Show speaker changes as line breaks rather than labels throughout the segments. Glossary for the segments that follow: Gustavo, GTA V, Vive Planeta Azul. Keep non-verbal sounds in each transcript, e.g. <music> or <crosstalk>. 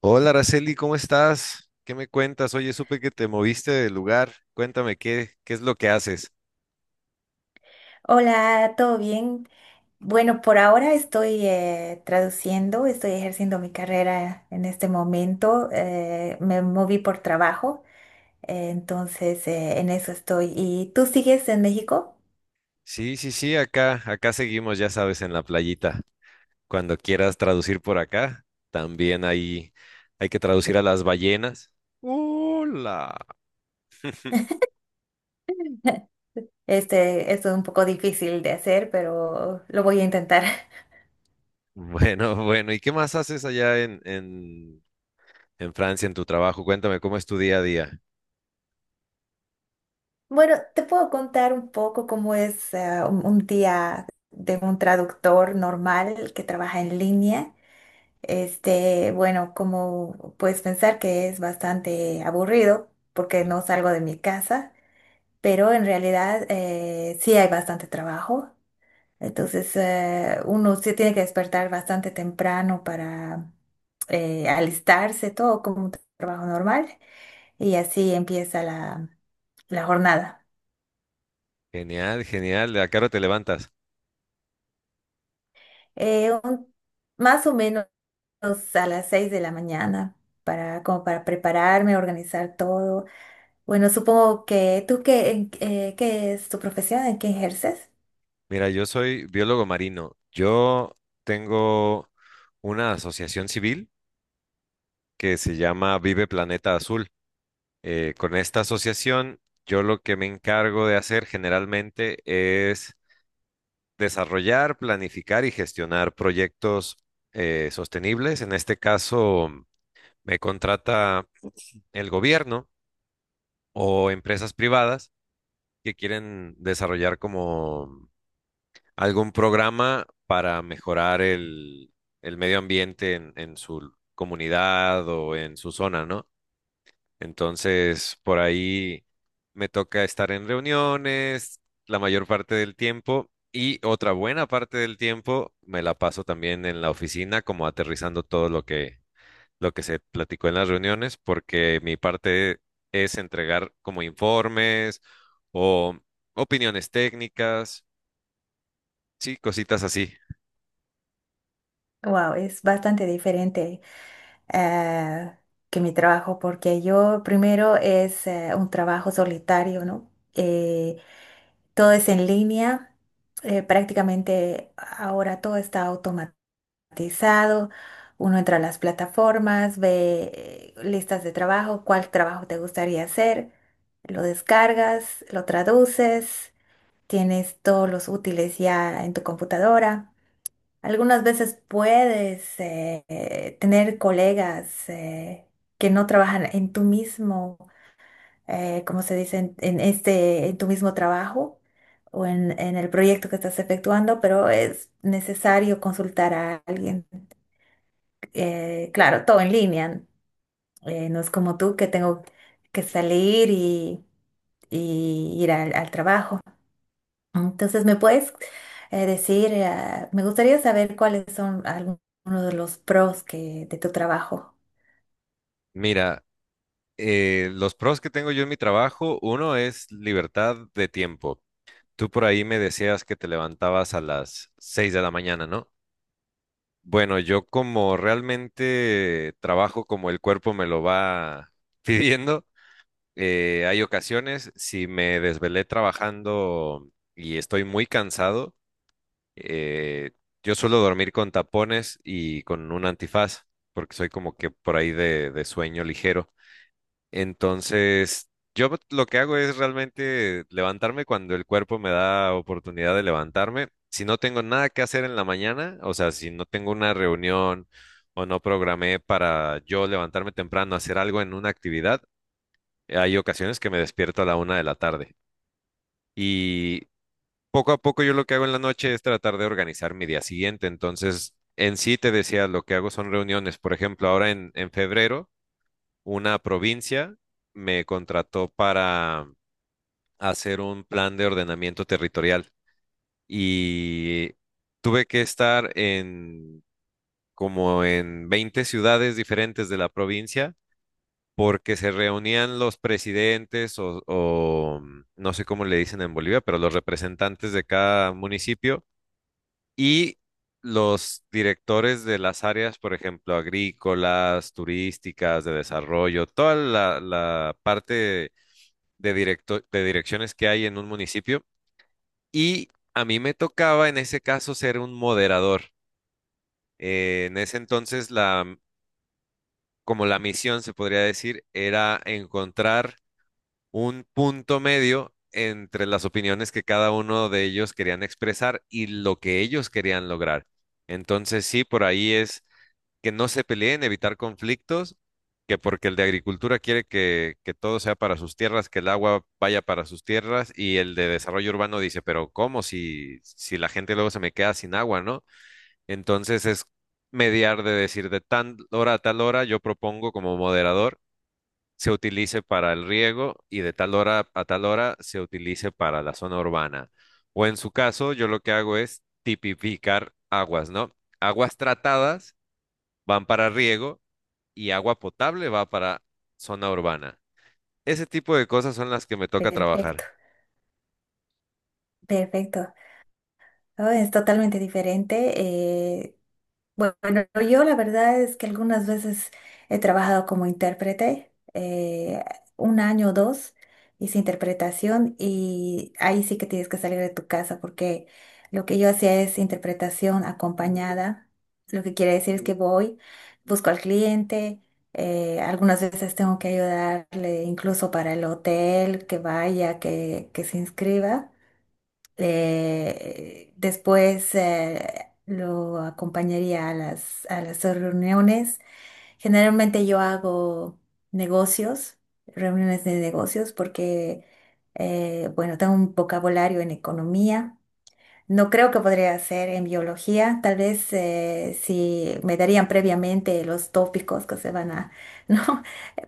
Hola, Araceli, ¿cómo estás? ¿Qué me cuentas? Oye, supe que te moviste de lugar. Cuéntame, ¿qué es lo que haces?
Hola, ¿todo bien? Bueno, por ahora estoy traduciendo, estoy ejerciendo mi carrera en este momento. Me moví por trabajo, en eso estoy. ¿Y tú sigues en México?
Sí, sí, sí, acá seguimos, ya sabes, en la playita. Cuando quieras traducir por acá, también ahí hay que traducir a las ballenas. Hola. <laughs>
<laughs> Esto es un poco difícil de hacer, pero lo voy a intentar. <laughs>
Bueno, bueno, ¿y qué más haces allá en Francia, en tu trabajo? Cuéntame, ¿cómo es tu día a día?
Bueno, te puedo contar un poco cómo es un día de un traductor normal que trabaja en línea. Bueno, como puedes pensar que es bastante aburrido porque no salgo de mi casa, pero en realidad sí hay bastante trabajo. Entonces, uno sí tiene que despertar bastante temprano para alistarse todo como un trabajo normal y así empieza la jornada.
Genial, genial. ¿A qué hora te levantas?
Eh, un- Más o menos a las 6 de la mañana para, como para prepararme, organizar todo. Bueno, supongo que tú ¿qué es tu profesión? ¿En qué ejerces?
Mira, yo soy biólogo marino. Yo tengo una asociación civil que se llama Vive Planeta Azul. Con esta asociación, yo lo que me encargo de hacer generalmente es desarrollar, planificar y gestionar proyectos sostenibles. En este caso, me contrata el gobierno o empresas privadas que quieren desarrollar como algún programa para mejorar el medio ambiente en su comunidad o en su zona, ¿no? Entonces, por ahí me toca estar en reuniones la mayor parte del tiempo y otra buena parte del tiempo me la paso también en la oficina, como aterrizando todo lo que se platicó en las reuniones, porque mi parte es entregar como informes o opiniones técnicas, sí, cositas así.
Wow, es bastante diferente eh, que mi trabajo, porque yo primero es un trabajo solitario, ¿no? Todo es en línea, prácticamente ahora todo está automatizado. Uno entra a las plataformas, ve listas de trabajo, cuál trabajo te gustaría hacer, lo descargas, lo traduces. Tienes todos los útiles ya en tu computadora. Algunas veces puedes tener colegas que no trabajan en tu mismo, como se dice, en este, en tu mismo trabajo o en el proyecto que estás efectuando, pero es necesario consultar a alguien. Claro, todo en línea. No es como tú que tengo que salir y ir al trabajo. Entonces, ¿me puedes me gustaría saber cuáles son algunos de los pros de tu trabajo?
Mira, los pros que tengo yo en mi trabajo, uno es libertad de tiempo. Tú por ahí me decías que te levantabas a las 6 de la mañana, ¿no? Bueno, yo como realmente trabajo como el cuerpo me lo va <laughs> pidiendo, hay ocasiones, si me desvelé trabajando y estoy muy cansado, eh, yo suelo dormir con tapones y con un antifaz, porque soy como que por ahí de sueño ligero. Entonces, yo lo que hago es realmente levantarme cuando el cuerpo me da oportunidad de levantarme. Si no tengo nada que hacer en la mañana, o sea, si no tengo una reunión o no programé para yo levantarme temprano, hacer algo en una actividad, hay ocasiones que me despierto a la 1 de la tarde. Y poco a poco yo lo que hago en la noche es tratar de organizar mi día siguiente. Entonces, en sí te decía, lo que hago son reuniones. Por ejemplo, ahora en febrero una provincia me contrató para hacer un plan de ordenamiento territorial y tuve que estar en como en 20 ciudades diferentes de la provincia porque se reunían los presidentes o no sé cómo le dicen en Bolivia, pero los representantes de cada municipio y los directores de las áreas, por ejemplo, agrícolas, turísticas, de desarrollo, toda la parte de, de direcciones que hay en un municipio y a mí me tocaba en ese caso ser un moderador. En ese entonces la, como la misión se podría decir era encontrar un punto medio entre las opiniones que cada uno de ellos querían expresar y lo que ellos querían lograr. Entonces sí, por ahí es que no se peleen, evitar conflictos, que porque el de agricultura quiere que todo sea para sus tierras, que el agua vaya para sus tierras, y el de desarrollo urbano dice, pero ¿cómo si la gente luego se me queda sin agua, ¿no? Entonces es mediar de decir de tal hora a tal hora, yo propongo como moderador, se utilice para el riego y de tal hora a tal hora se utilice para la zona urbana. O en su caso, yo lo que hago es tipificar aguas, ¿no? Aguas tratadas van para riego y agua potable va para zona urbana. Ese tipo de cosas son las que me toca trabajar.
Perfecto, perfecto. Oh, es totalmente diferente. Bueno, yo la verdad es que algunas veces he trabajado como intérprete, un año o dos hice interpretación y ahí sí que tienes que salir de tu casa porque lo que yo hacía es interpretación acompañada. Lo que quiere decir es que voy, busco al cliente, algunas veces tengo que ayudarle incluso para el hotel, que vaya, que se inscriba. Después lo acompañaría a a las reuniones. Generalmente yo hago negocios, reuniones de negocios, porque, bueno, tengo un vocabulario en economía. No creo que podría ser en biología. Tal vez si me darían previamente los tópicos que se van a, <laughs> ¿no?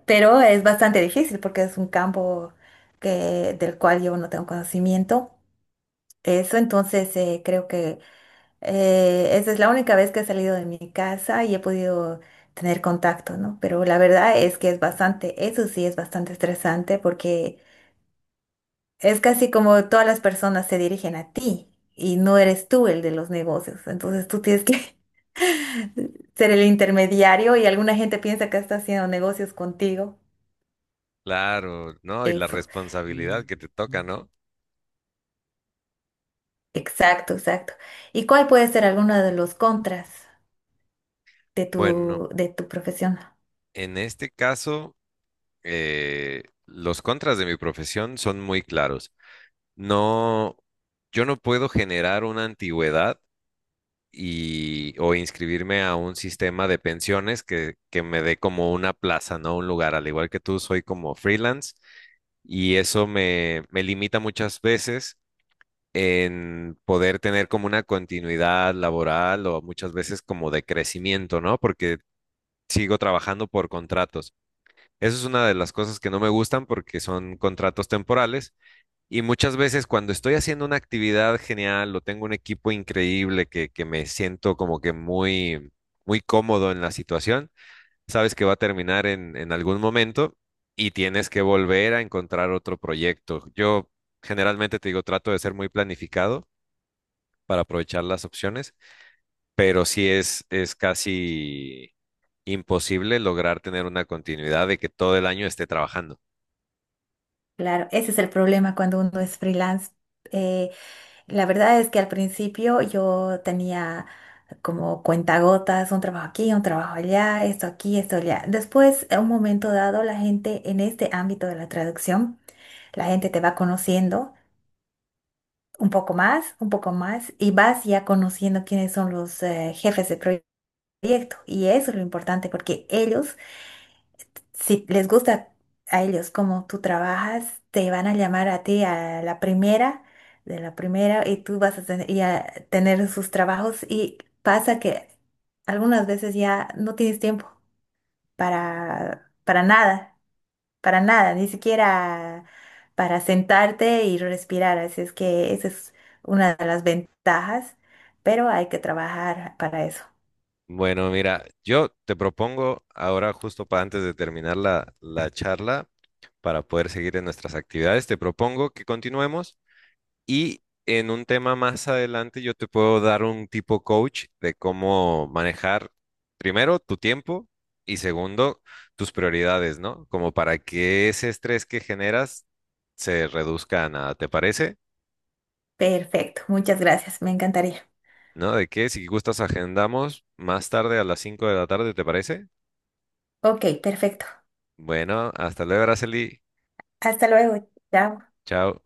Pero es bastante difícil porque es un campo que, del cual yo no tengo conocimiento. Eso, entonces creo que esa es la única vez que he salido de mi casa y he podido tener contacto, ¿no? Pero la verdad es que es bastante, eso sí es bastante estresante porque es casi como todas las personas se dirigen a ti y no eres tú el de los negocios. Entonces tú tienes que <laughs> ser el intermediario y alguna gente piensa que está haciendo negocios contigo.
Claro, ¿no? Y la
Eso,
responsabilidad que te toca, ¿no?
exacto, exacto. ¿Y cuál puede ser alguno de los contras de
Bueno,
de tu profesión?
en este caso, los contras de mi profesión son muy claros. No, yo no puedo generar una antigüedad y, o inscribirme a un sistema de pensiones que me dé como una plaza, ¿no? Un lugar. Al igual que tú, soy como freelance y eso me limita muchas veces en poder tener como una continuidad laboral o muchas veces como de crecimiento, ¿no? Porque sigo trabajando por contratos. Eso es una de las cosas que no me gustan porque son contratos temporales y muchas veces cuando estoy haciendo una actividad genial o tengo un equipo increíble que me siento como que muy cómodo en la situación, sabes que va a terminar en algún momento y tienes que volver a encontrar otro proyecto. Yo generalmente te digo, trato de ser muy planificado para aprovechar las opciones, pero sí es casi imposible lograr tener una continuidad de que todo el año esté trabajando.
Claro, ese es el problema cuando uno es freelance. Eh, la verdad es que al principio yo tenía como cuentagotas, un trabajo aquí, un trabajo allá, esto aquí, esto allá. Después, a un momento dado, la gente en este ámbito de la traducción, la gente te va conociendo un poco más, y vas ya conociendo quiénes son los jefes de proyecto. Y eso es lo importante porque ellos si les gusta a ellos como tú trabajas, te van a llamar a ti a la primera, de la primera, y tú vas a tener, y a tener sus trabajos. Y pasa que algunas veces ya no tienes tiempo para, para nada, para nada, ni siquiera para sentarte y respirar. Así es que esa es una de las ventajas, pero hay que trabajar para eso.
Bueno, mira, yo te propongo ahora, justo para antes de terminar la charla, para poder seguir en nuestras actividades, te propongo que continuemos. Y en un tema más adelante yo te puedo dar un tipo coach de cómo manejar primero tu tiempo y segundo tus prioridades, ¿no? Como para que ese estrés que generas se reduzca a nada, ¿te parece?
Perfecto, muchas gracias, me encantaría.
¿No? De que si gustas agendamos más tarde a las 5 de la tarde, ¿te parece?
Ok, perfecto.
Bueno, hasta luego, Araceli.
Hasta luego, chao.
Chao.